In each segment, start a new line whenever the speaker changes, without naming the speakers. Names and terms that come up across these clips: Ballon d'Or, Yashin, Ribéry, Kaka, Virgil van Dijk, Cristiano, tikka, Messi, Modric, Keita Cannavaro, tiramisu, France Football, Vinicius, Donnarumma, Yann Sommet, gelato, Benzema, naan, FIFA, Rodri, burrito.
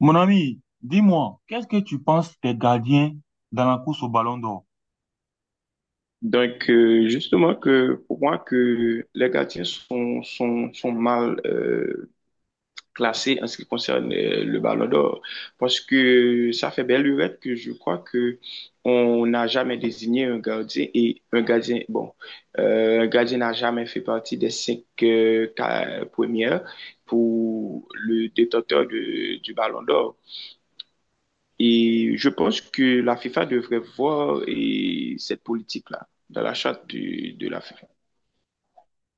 Mon ami, dis-moi, qu'est-ce que tu penses des gardiens dans la course au Ballon d'Or?
Justement, que pour moi, que les gardiens sont mal classés en ce qui concerne le Ballon d'Or, parce que ça fait belle lurette que je crois que on n'a jamais désigné un gardien et un gardien, bon, un gardien n'a jamais fait partie des cinq premières pour le du Ballon d'Or. Et je pense que la FIFA devrait voir et cette politique-là dans la charte de la FIFA.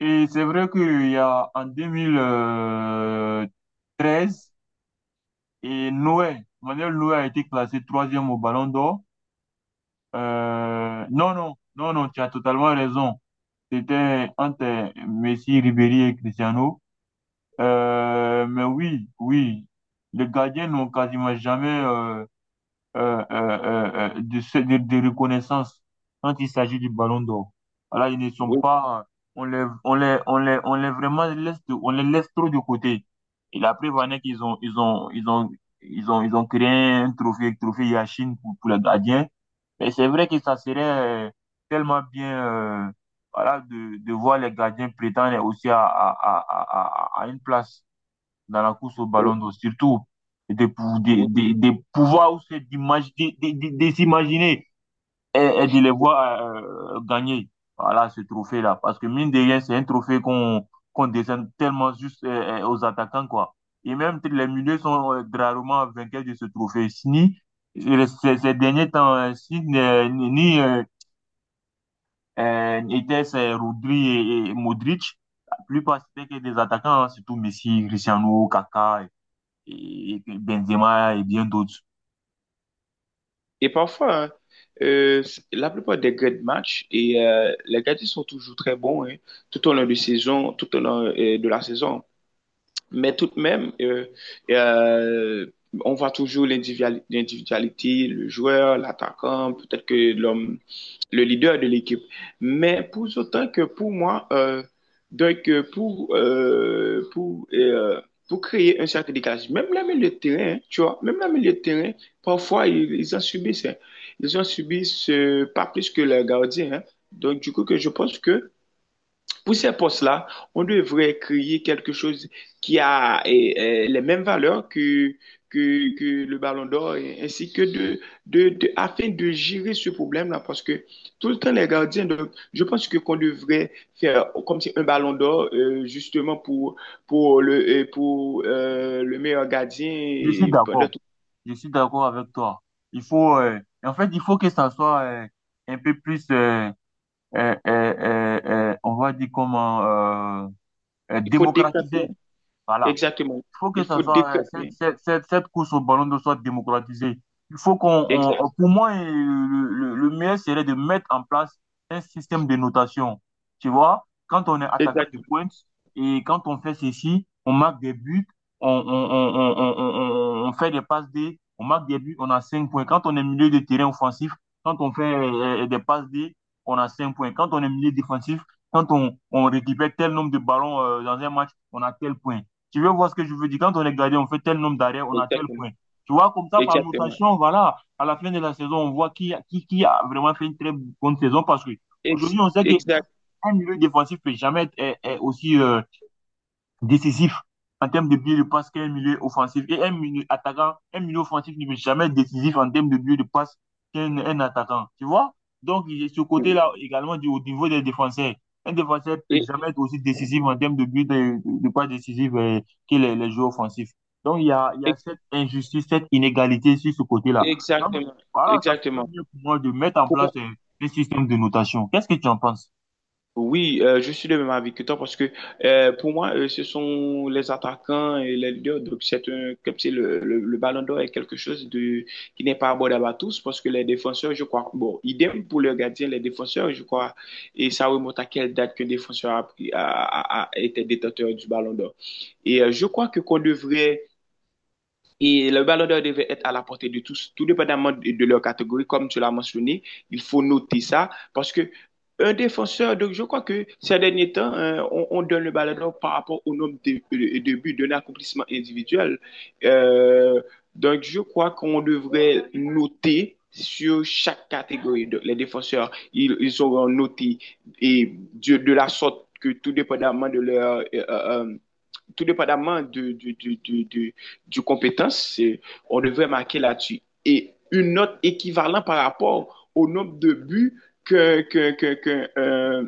Et c'est vrai qu'il y a en 2013, et Noé, Manuel Noé a été classé troisième au Ballon d'Or. Non, non, non, non, tu as totalement raison. C'était entre Messi, Ribéry et Cristiano. Mais oui, oui, les gardiens n'ont quasiment jamais de reconnaissance quand il s'agit du Ballon d'Or. Voilà, ils ne sont
Oui,
pas, on les, on les, on les, on les on les laisse trop de côté. Et la preuve en est qu'ils ont, ils ont, ils ont, ils ont, ils ont créé un trophée, trophée Yachine pour les gardiens. Mais c'est vrai que ça serait euh, tellement bien, euh, voilà, de voir les gardiens prétendre aussi à une place dans la course au
euh,
ballon d'or, surtout
oui.
de pouvoir se de s'imaginer et de les voir gagner voilà, ce trophée-là. Parce que mine de rien, c'est un trophée qu'on décerne tellement juste aux attaquants, quoi. Et même les milieux sont rarement vainqueurs de ce trophée. Ni ces derniers temps, ni Sini, ni était c'est Rodri et Modric. La plupart, c'était que des attaquants, hein, surtout Messi, Cristiano, Kaka, et Benzema et bien d'autres.
Et parfois, hein, la plupart des grands matchs, et les gardiens sont toujours très bons, hein, tout au long de saison, tout au long de la saison. Mais tout de même, euh, on voit toujours l'individualité, le joueur, l'attaquant, peut-être que l'homme le leader de l'équipe. Mais pour autant que pour moi, donc euh, pour, euh, pour, euh, pour créer un cercle de même la milieu de terrain, hein, tu vois, même la milieu de terrain, parfois ils ont subi ça. Ils ont subi ce, pas plus que le gardien, hein. Donc du coup, que je pense que pour ces postes-là, on devrait créer quelque chose qui a les mêmes valeurs que le Ballon d'Or, ainsi que afin de gérer ce problème-là, parce que tout le temps, les gardiens, donc, je pense que qu'on devrait faire comme si un Ballon d'Or, justement, pour le, pour, le meilleur gardien,
Je suis
et pendant
d'accord.
tout.
Je suis d'accord avec toi. Il faut, en fait, il faut que ça soit un peu plus, on va dire comment, euh,
Il faut décanter,
démocratisé. Voilà.
exactement.
Faut que
Il
ça
faut
soit,
décanter,
cette course au ballon d'eau soit démocratisée. Il faut qu'on,
exact,
on- pour moi, le meilleur serait de mettre en place un système de notation. Tu vois, quand on est attaquant de
exactement,
pointe et quand on fait ceci, on marque des buts, on fait des passes D, on marque des buts, on a 5 points. Quand on est milieu de terrain offensif, quand on fait des passes D, on a 5 points. Quand on est milieu défensif, quand on récupère tel nombre de ballons dans un match, on a tel point. Tu veux voir ce que je veux dire? Quand on est gardé, on fait tel nombre d'arrêts, on a tel
exactement,
point. Tu vois, comme ça, par
exactement,
notation, voilà, à la fin de la saison, on voit qui a vraiment fait une très bonne saison parce que aujourd'hui, on sait
Exact.
qu'un milieu défensif ne peut jamais être aussi décisif en termes de but de passe qu'un milieu offensif. Et un milieu attaquant, un milieu offensif ne peut jamais être décisif en termes de but de passe qu'un un attaquant. Tu vois? Donc, il y a ce
Oui.
côté-là également au niveau des défenseurs. Un défenseur ne peut jamais être aussi décisif en termes de but de passe décisif que les joueurs offensifs. Donc, il y a
Ex-
cette injustice, cette inégalité sur ce côté-là. Donc,
Exactement,
voilà, ça serait
exactement.
mieux pour moi de mettre en
Pour
place
moi,
un système de notation. Qu'est-ce que tu en penses?
oui, je suis de même avis que toi parce que pour moi, ce sont les attaquants et les leaders. Donc, c'est un, comme si le ballon d'or est quelque chose de, qui n'est pas abordable à tous parce que les défenseurs, je crois, bon, idem pour le gardien, les défenseurs, je crois, et ça remonte à quelle date qu'un défenseur a, pris- a, a- a été détenteur du ballon d'or. Et je crois que qu'on devrait. Et le ballon d'or devait être à la portée de tous, tout dépendamment de leur catégorie, comme tu l'as mentionné. Il faut noter ça parce que un défenseur, donc je crois que ces derniers temps, hein, on donne le ballon d'or par rapport au nombre de buts, d'un accomplissement individuel. Euh, donc je crois qu'on devrait noter sur chaque catégorie. Donc, les défenseurs, ils auront noté et de la sorte que tout dépendamment de leur tout dépendamment de du compétence, on devrait marquer là-dessus. Et une note équivalente par rapport au nombre de buts qu'un que,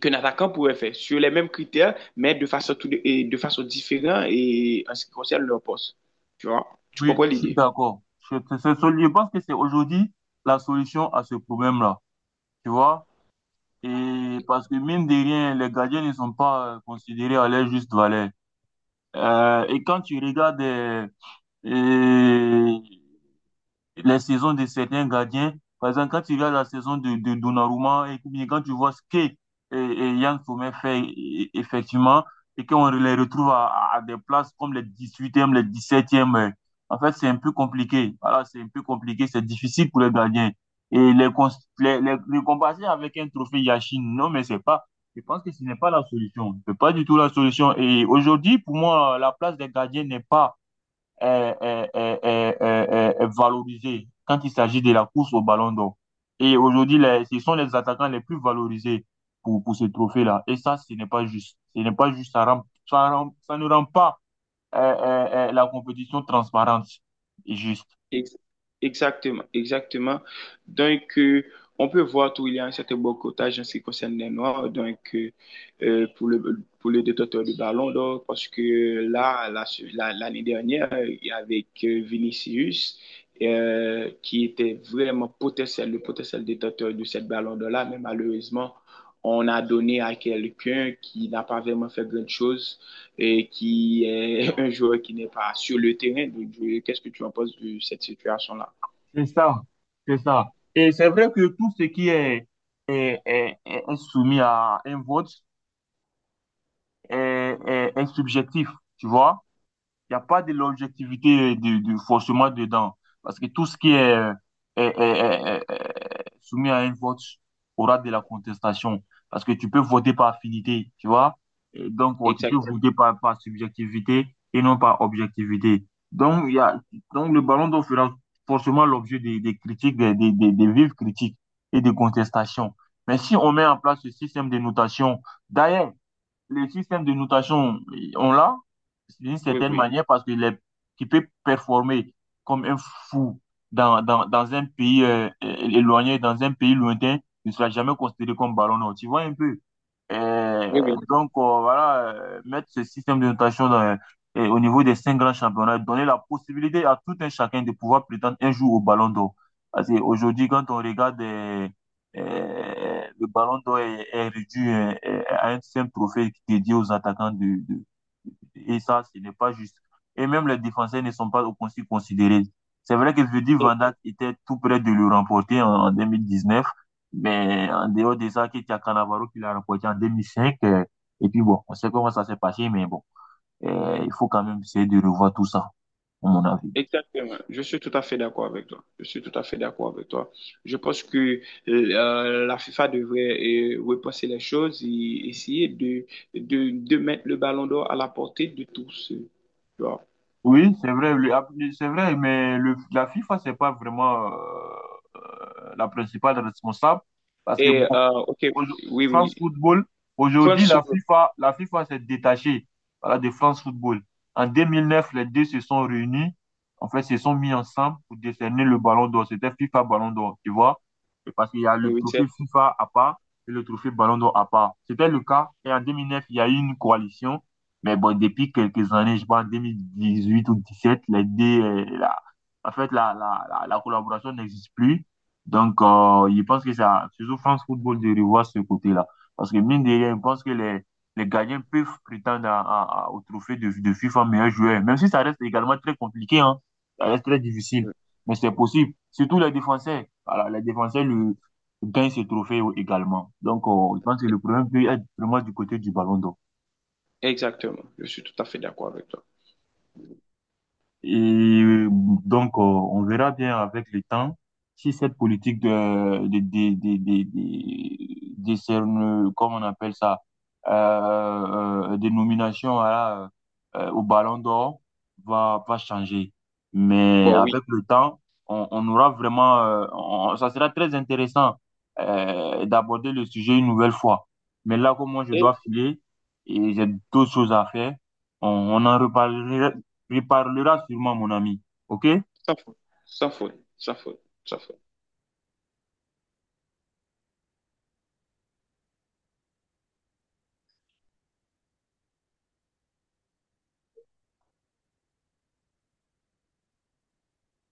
qu'un attaquant pourrait faire, sur les mêmes critères, mais de façon, tout, et de façon différente et en ce qui concerne leur poste. Tu vois? Tu comprends
Oui, je suis
l'idée?
d'accord. Je pense que c'est aujourd'hui la solution à ce problème-là, tu vois? Et parce que mine de rien, les gardiens ne sont pas considérés à leur juste valeur. Et quand tu regardes euh, les saisons de certains gardiens. Par exemple, quand tu regardes la saison de Donnarumma et puis quand tu vois et Yann Sommet fait effectivement et qu'on les retrouve à des places comme les 18e les 17e en fait, c'est un peu compliqué. Voilà, c'est un peu compliqué, c'est difficile pour les gardiens. Et les, cons- les comparer avec un trophée Yashin, non, mais c'est pas, je pense que ce n'est pas la solution. C'est pas du tout la solution. Et aujourd'hui, pour moi, la place des gardiens n'est pas est valorisé quand il s'agit de la course au Ballon d'Or. Et aujourd'hui, ce sont les attaquants les plus valorisés pour ce trophée-là. Et ça, ce n'est pas juste. Ce n'est pas juste. Ça ne rend pas la compétition transparente et juste.
Ex- Exactement, exactement. Donc, on peut voir qu'il y a un certain boycottage en ce qui concerne les Noirs, donc, pour le détenteur du ballon d'or, parce que là, l'année dernière, avec Vinicius, qui était vraiment potentiel, le potentiel détenteur de cette ballon d'or-là, mais malheureusement, on a donné à quelqu'un qui n'a pas vraiment fait grand chose et qui est un joueur qui n'est pas sur le terrain. Donc, je- qu'est-ce que tu en penses de cette situation-là?
C'est ça. C'est ça. Et c'est vrai que tout ce qui est soumis à un vote est subjectif, tu vois. Il n'y a pas de l'objectivité de forcément dedans. Parce que tout ce qui est soumis à un vote aura de la contestation. Parce que tu peux voter par affinité, tu vois? Et donc, oh, tu peux
Exactement.
voter par subjectivité et non par objectivité. Donc, donc le ballon d'or fera forcément l'objet des critiques, des vives critiques et des contestations. Mais si on met en place ce système de notation, d'ailleurs, le système de notation, on l'a d'une
Oui,
certaine
oui.
manière parce qu'il peut performer comme un fou dans un pays éloigné, dans un pays lointain, il ne sera jamais considéré comme ballon d'or. Tu vois un peu.
Oui, oui.
Donc, voilà, mettre ce système de notation au niveau des cinq grands championnats, donner la possibilité à tout un chacun de pouvoir prétendre un jour au ballon d'or. Parce qu'aujourd'hui, quand on regarde le ballon d'or est réduit à un simple trophée dédié aux attaquants. Et ça, ce n'est pas juste. Et même les défenseurs ne sont pas aussi considérés. C'est vrai que Virgil
E-
van Dijk était tout près de le remporter en 2019, mais en dehors de ça, Keita Cannavaro qui l'a remporté en 2005. Et puis bon, on sait comment ça s'est passé, mais bon, il faut quand même essayer de revoir tout ça, à mon avis.
Exactement. Je suis tout à fait d'accord avec toi. Je suis tout à fait d'accord avec toi. Je pense que la FIFA devrait repenser les choses et essayer de mettre le ballon d'or à la portée de tous. Tu vois.
Oui, c'est vrai, c'est vrai, mais la FIFA, c'est pas vraiment la principale responsable parce que
Et,
bon,
OK,
aujo-
oui, oui.
France Football,
Faut le
aujourd'hui,
soulever.
la FIFA s'est détachée, voilà, de France Football. En 2009, les deux se sont réunis, en fait, se sont mis ensemble pour décerner le ballon d'or. C'était FIFA Ballon d'or, tu vois? Et parce qu'il y a le
Oui, c'est-
trophée FIFA à part et le trophée Ballon d'or à part. C'était le cas. Et en 2009, il y a eu une coalition. Mais bon, depuis quelques années, je pense en 2018 ou 2017, les deux, en fait, la collaboration n'existe plus. Donc, je pense que ça, surtout France Football, de revoir ce côté-là. Parce que mine de rien, je pense que les gardiens peuvent prétendre au trophée de FIFA meilleur joueur, même si ça reste également très compliqué, hein. Ça reste très difficile. Mais c'est possible. Surtout les défenseurs. Voilà, les défenseurs gagnent ce trophée également. Donc, je pense que le problème peut être vraiment du côté du Ballon d'Or.
Exactement. Je suis tout à fait d'accord avec toi.
Et donc, on verra bien avec le temps si cette politique comment on appelle ça, euh, de nomination au Ballon d'Or va changer. Mais
Bon, oui.
avec le temps, on aura vraiment, ça sera très intéressant d'aborder le sujet une nouvelle fois. Mais là, comme moi, je dois filer et j'ai d'autres choses à faire, on en reparlera sûrement, mon ami. OK?
Sans faute, sans faute, sans faute, sans faute.